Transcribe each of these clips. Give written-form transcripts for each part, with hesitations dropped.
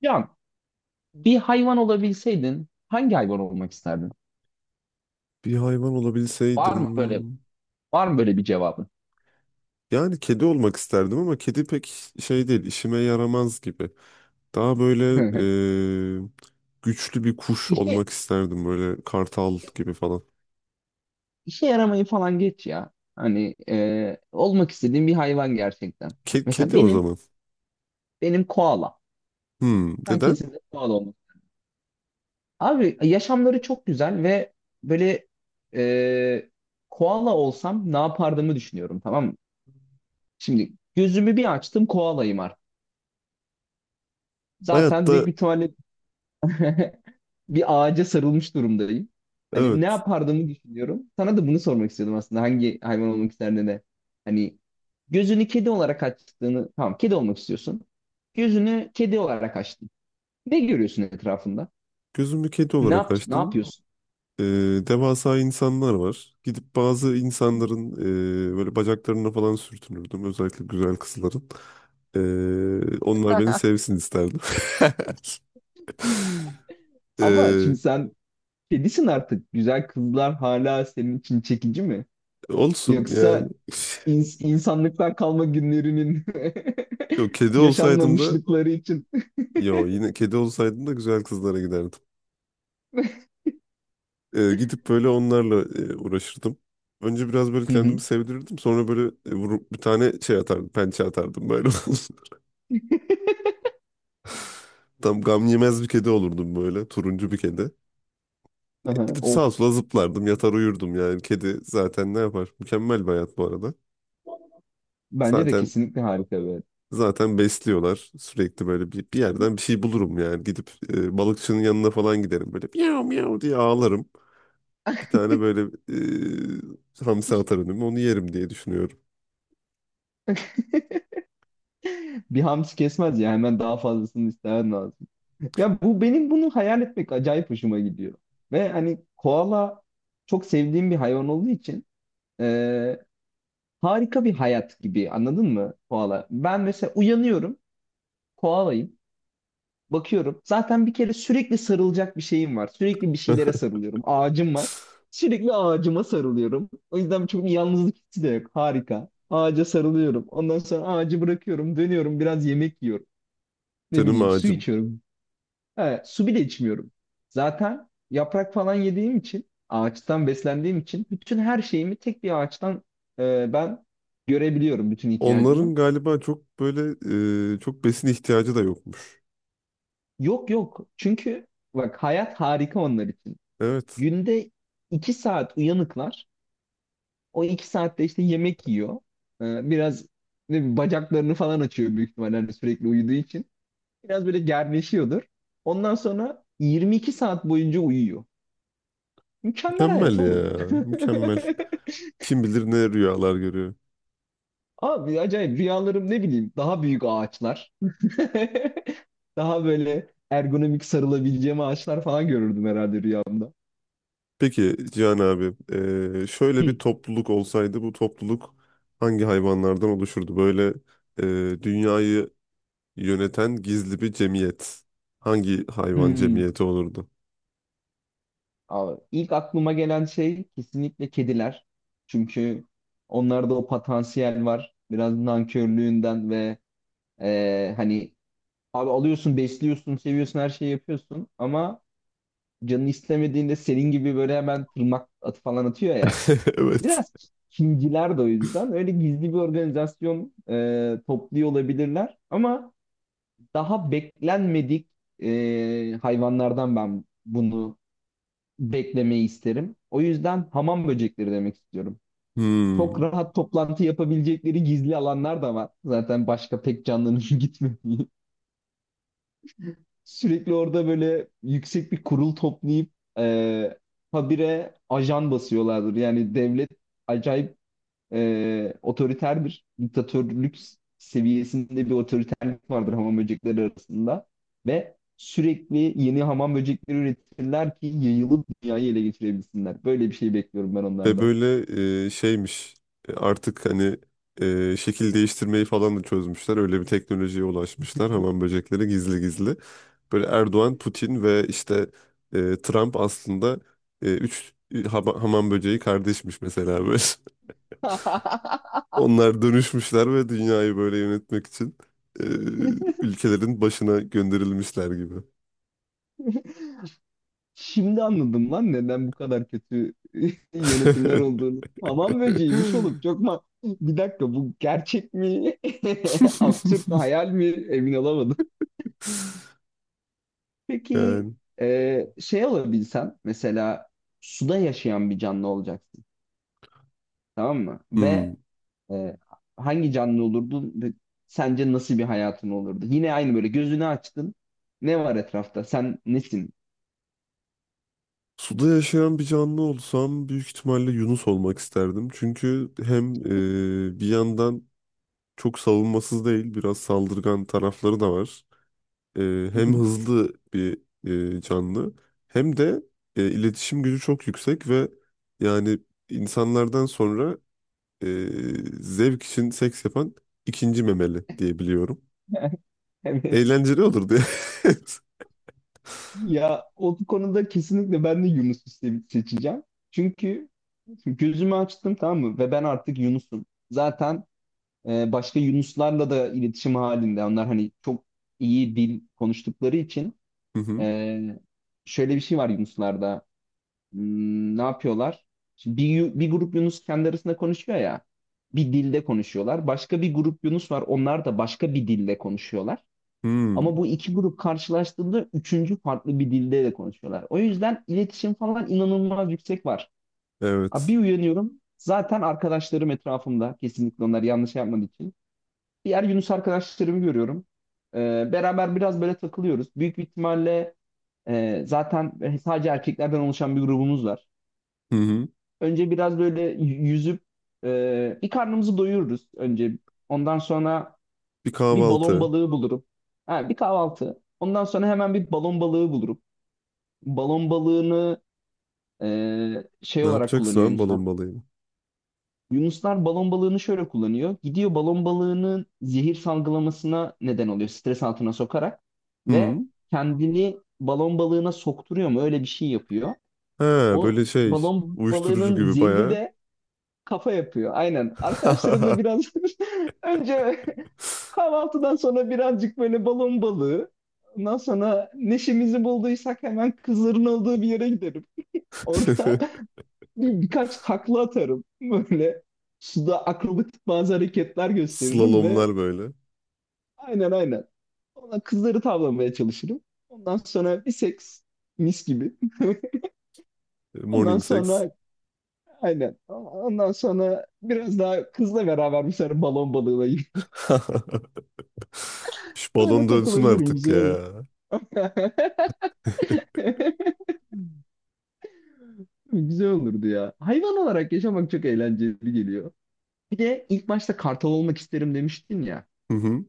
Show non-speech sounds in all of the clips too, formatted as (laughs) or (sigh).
Ya bir hayvan olabilseydin hangi hayvan olmak isterdin? Bir hayvan Var mı böyle olabilseydim. var mı böyle bir cevabın? Yani kedi olmak isterdim ama kedi pek şey değil, işime yaramaz gibi. Daha böyle (laughs) e, güçlü bir kuş İşe olmak isterdim böyle kartal gibi falan. işe yaramayı falan geç ya. Hani olmak istediğim bir hayvan gerçekten. Ke- Mesela kedi o benim zaman. benim koala. Hmm, Ben neden? kesinlikle koala olmak. Abi yaşamları çok güzel ve böyle e, koala olsam ne yapardığımı düşünüyorum, tamam mı? Şimdi gözümü bir açtım, koalayım artık. Zaten Hayatta büyük bir ihtimalle (laughs) bir ağaca sarılmış durumdayım. Hani ne evet, yapardığımı düşünüyorum. Sana da bunu sormak istiyordum aslında. Hangi hayvan olmak isterdin de. Hani gözünü kedi olarak açtığını. Tamam, kedi olmak istiyorsun. Gözünü kedi olarak açtın. Ne görüyorsun etrafında? gözümü kedi Ne olarak yap ne açtım. yapıyorsun? E, Devasa insanlar var. Gidip bazı insanların böyle bacaklarına falan sürtünürdüm. Özellikle güzel kızların. E, onlar beni sevsin isterdim. (laughs) Ama şimdi E, sen kedisin artık. Güzel kızlar hala senin için çekici mi? Olsun Yoksa yani. İnsanlıktan kalma günlerinin (laughs) yo (laughs) kedi olsaydım da yaşanmamışlıkları için. yo, yine kedi olsaydım da güzel kızlara giderdim. Gidip böyle onlarla uğraşırdım. Önce biraz böyle Hı hı. kendimi sevdirirdim. Sonra böyle vurup bir tane şey atardım, pençe atardım böyle. (laughs) Tam gam yemez bir kedi olurdum böyle, turuncu bir kedi. Aha, Gidip sağa of. sola zıplardım, yatar uyurdum yani. Kedi zaten ne yapar? Mükemmel bir hayat bu arada. Bence de Zaten kesinlikle harika bir. zaten besliyorlar. Sürekli böyle bir yerden bir şey bulurum yani. Gidip balıkçının yanına falan giderim böyle miyav miyav diye ağlarım. Bir tane böyle hamsi atar önüme onu yerim diye düşünüyorum. (laughs) Bir hamsi kesmez ya, hemen daha fazlasını istemen lazım. Ya bu, benim bunu hayal etmek acayip hoşuma gidiyor. Ve hani koala çok sevdiğim bir hayvan olduğu için e, harika bir hayat gibi, anladın mı koala? Ben mesela uyanıyorum, koalayım, bakıyorum zaten bir kere sürekli sarılacak bir şeyim var. Sürekli bir şeylere (laughs) sarılıyorum, ağacım var. Sürekli ağacıma sarılıyorum. O yüzden çok bir yalnızlık hissi de yok, harika. Ağaca sarılıyorum. Ondan sonra ağacı bırakıyorum, dönüyorum, biraz yemek yiyorum. Ne Canım bileyim, su ağacım. içiyorum. Ha, su bile içmiyorum. Zaten yaprak falan yediğim için, ağaçtan beslendiğim için bütün her şeyimi tek bir ağaçtan ben görebiliyorum, bütün ihtiyacımı. Onların galiba çok böyle çok besin ihtiyacı da yokmuş. Yok yok. Çünkü bak, hayat harika onlar için. Evet. Günde 2 saat uyanıklar. O 2 saatte işte yemek yiyor. Biraz ne bileyim, bacaklarını falan açıyor büyük ihtimalle, hani sürekli uyuduğu için. Biraz böyle gerleşiyordur. Ondan sonra 22 saat boyunca uyuyor. Mükemmel hayat Mükemmel oğlum. ya. (laughs) Mükemmel. Kim bilir ne rüyalar görüyor. Abi acayip rüyalarım, ne bileyim, daha büyük ağaçlar. (laughs) Daha böyle ergonomik sarılabileceğim ağaçlar falan görürdüm herhalde rüyamda. Peki Cihan abi, şöyle bir Hı. topluluk olsaydı, bu topluluk hangi hayvanlardan oluşurdu? Böyle dünyayı yöneten gizli bir cemiyet. Hangi hayvan Hmm. cemiyeti olurdu? Abi, ilk aklıma gelen şey kesinlikle kediler. Çünkü onlarda o potansiyel var. Biraz nankörlüğünden ve hani abi alıyorsun, besliyorsun, seviyorsun, her şeyi yapıyorsun ama canın istemediğinde senin gibi böyle hemen tırnak atı falan atıyor ya. (laughs) Evet. Biraz Çinciler de o yüzden. Öyle gizli bir organizasyon topluyor olabilirler. Ama daha beklenmedik hayvanlardan ben bunu beklemeyi isterim. O yüzden hamam böcekleri demek istiyorum. Hmm. Çok rahat toplantı yapabilecekleri gizli alanlar da var. Zaten başka pek canlının (laughs) gitmediği. Sürekli orada böyle yüksek bir kurul toplayıp e, habire ajan basıyorlardır. Yani devlet acayip otoriter bir diktatörlük seviyesinde bir otoriterlik vardır hamam böcekleri arasında ve sürekli yeni hamam böcekleri üretirler ki yayılıp dünyayı ele geçirebilsinler. Böyle bir şey bekliyorum ben Ve onlardan. böyle şeymiş, artık hani şekil değiştirmeyi falan da çözmüşler. Öyle bir teknolojiye ulaşmışlar hamam böcekleri gizli gizli. Böyle Erdoğan, Putin ve işte Trump aslında üç hamam böceği kardeşmiş mesela böyle. (laughs) (laughs) Onlar dönüşmüşler ve dünyayı böyle yönetmek için e, ülkelerin başına gönderilmişler gibi. Şimdi anladım lan neden bu kadar kötü (laughs) yönetimler olduğunu. Hamam böceğiymiş oğlum. Çok (laughs) ma bir dakika, bu gerçek mi? (laughs) Absürt mü? Hayal mi? Emin olamadım. Peki Yani. Şey olabilsen, mesela suda yaşayan bir canlı olacaksın, tamam mı? Hmm. Ve e, hangi canlı olurdun ve sence nasıl bir hayatın olurdu? Yine aynı, böyle gözünü açtın. Ne var etrafta? Sen nesin? Suda yaşayan bir canlı olsam büyük ihtimalle Yunus olmak isterdim. Çünkü hem bir yandan çok savunmasız değil, biraz saldırgan tarafları da var. E, Hı Hem hı. hızlı bir canlı hem de iletişim gücü çok yüksek ve yani insanlardan sonra e, zevk için seks yapan ikinci memeli diye biliyorum. (laughs) Evet. Eğlenceli olur diye. Ya o konuda kesinlikle ben de Yunus'u seçeceğim. Çünkü gözümü açtım, tamam mı? Ve ben artık Yunus'um. Zaten başka Yunuslarla da iletişim halinde. Onlar hani çok iyi dil konuştukları için. (laughs) Hı hı. Ee, şöyle bir şey var Yunuslarda. Hmm, ne yapıyorlar? Şimdi bir grup Yunus kendi arasında konuşuyor ya. Bir dilde konuşuyorlar. Başka bir grup Yunus var. Onlar da başka bir dilde konuşuyorlar. Ama Hmm, bu iki grup karşılaştığında üçüncü farklı bir dilde de konuşuyorlar. O yüzden iletişim falan inanılmaz yüksek var. Abi evet. bir uyanıyorum. Zaten arkadaşlarım etrafımda. Kesinlikle onlar yanlış yapmadığı için. Diğer Yunus arkadaşlarımı görüyorum. Beraber biraz böyle takılıyoruz. Büyük bir ihtimalle zaten sadece erkeklerden oluşan bir grubumuz var. Hı hı. Önce biraz böyle yüzüp bir karnımızı doyururuz önce. Ondan sonra Bir bir balon kahvaltı. balığı bulurum. Ha, bir kahvaltı. Ondan sonra hemen bir balon balığı bulurum. Balon balığını e, şey Ne olarak yapacaksın kullanıyor abi Yunuslar. balon balayı? Yunuslar balon balığını şöyle kullanıyor. Gidiyor, balon balığının zehir salgılamasına neden oluyor. Stres altına sokarak Hı. ve kendini balon balığına sokturuyor mu? Öyle bir şey yapıyor. He, O böyle şey, balon uyuşturucu balığının gibi zehri bayağı. de kafa yapıyor. Aynen. Arkadaşlarımla (laughs) biraz (laughs) önce, kahvaltıdan sonra birazcık böyle balon balığı. Ondan sonra neşemizi bulduysak hemen kızların olduğu bir yere giderim. Orada (laughs) birkaç takla atarım. Böyle suda akrobatik bazı hareketler gösteririm ve Slalomlar böyle. aynen, aynen. Ona kızları tavlamaya çalışırım. Ondan sonra bir seks, mis gibi. (laughs) Ondan Morning sex. sonra aynen. Ondan sonra biraz daha kızla beraber bir sefer balon balığına gidip (laughs) (laughs) Şu böyle balon dönsün takılabilirim. artık Güzel olur. ya. (laughs) (laughs) Güzel olurdu ya. Hayvan olarak yaşamak çok eğlenceli geliyor. Bir de ilk başta kartal olmak isterim demiştin ya. Hı hı.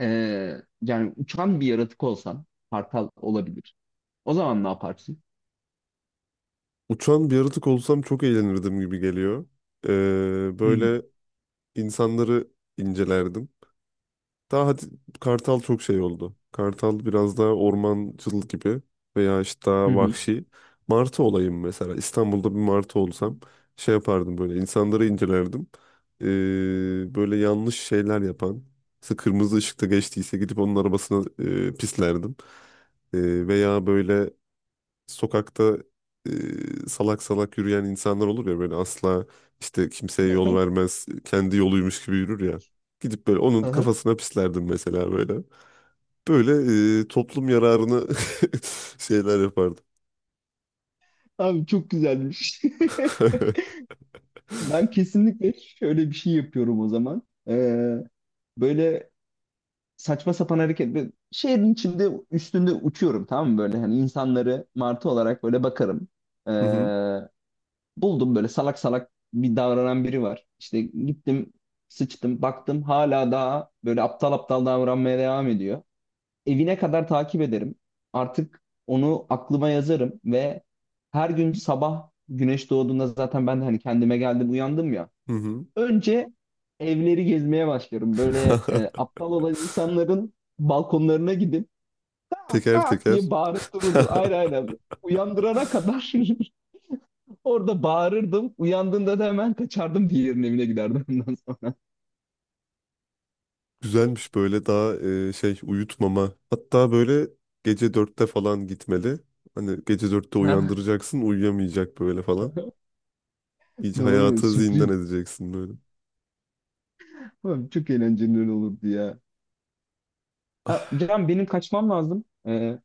Yani uçan bir yaratık olsan kartal olabilir. O zaman ne yaparsın? Uçan bir yaratık olsam çok eğlenirdim gibi geliyor. Hı hı. Böyle insanları incelerdim. Daha hadi, kartal çok şey oldu. Kartal biraz daha ormancıl gibi veya işte Hı daha hı. vahşi. Martı olayım mesela. İstanbul'da bir martı olsam şey yapardım böyle, insanları incelerdim. Ee, Böyle yanlış şeyler yapan. Mesela kırmızı ışıkta geçtiyse gidip onun arabasına pislerdim. Veya böyle sokakta salak salak yürüyen insanlar olur ya, böyle asla işte kimseye yol (laughs) vermez, kendi yoluymuş gibi yürür ya. Gidip böyle onun Aha. kafasına pislerdim mesela böyle. Böyle toplum yararını (laughs) şeyler yapardım. Abi çok güzelmiş. (laughs) (laughs) Ben kesinlikle şöyle bir şey yapıyorum o zaman. Ee, böyle saçma sapan hareket. Böyle şehrin içinde üstünde uçuyorum, tamam mı, böyle hani insanları martı olarak böyle bakarım. Ee, Hı hı. buldum, böyle salak salak bir davranan biri var. İşte gittim sıçtım, baktım hala daha böyle aptal aptal davranmaya devam ediyor. Evine kadar takip ederim. Artık onu aklıma yazarım ve her gün sabah güneş doğduğunda zaten ben de hani kendime geldim, uyandım ya. Hı hı. Önce evleri gezmeye başlıyorum. Böyle (laughs) aptal olan insanların balkonlarına gidip kak Teker kak teker. diye bağırıp dururdum. Aynen, (laughs) aynen. Uyandırana kadar (laughs) orada bağırırdım. Uyandığında da hemen kaçardım, diğerinin evine giderdim ondan sonra. (laughs) Güzelmiş böyle, daha şey, uyutmama. Hatta böyle gece dörtte falan gitmeli. Hani gece dörtte Ha, uyandıracaksın, uyuyamayacak böyle falan. Hiç doğru, hayatı zindan sürpriz. edeceksin böyle. Ulan çok eğlenceli olurdu ya. Ha, Ah. Can benim, kaçmam lazım.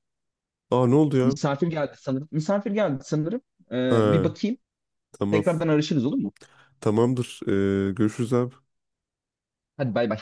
Aa, ne oldu ya? Misafir geldi sanırım. Misafir geldi sanırım. Ha, Bir bakayım. tamam. Tekrardan arışırız, olur mu? Tamamdır. Görüşürüz abi. Hadi bay bay.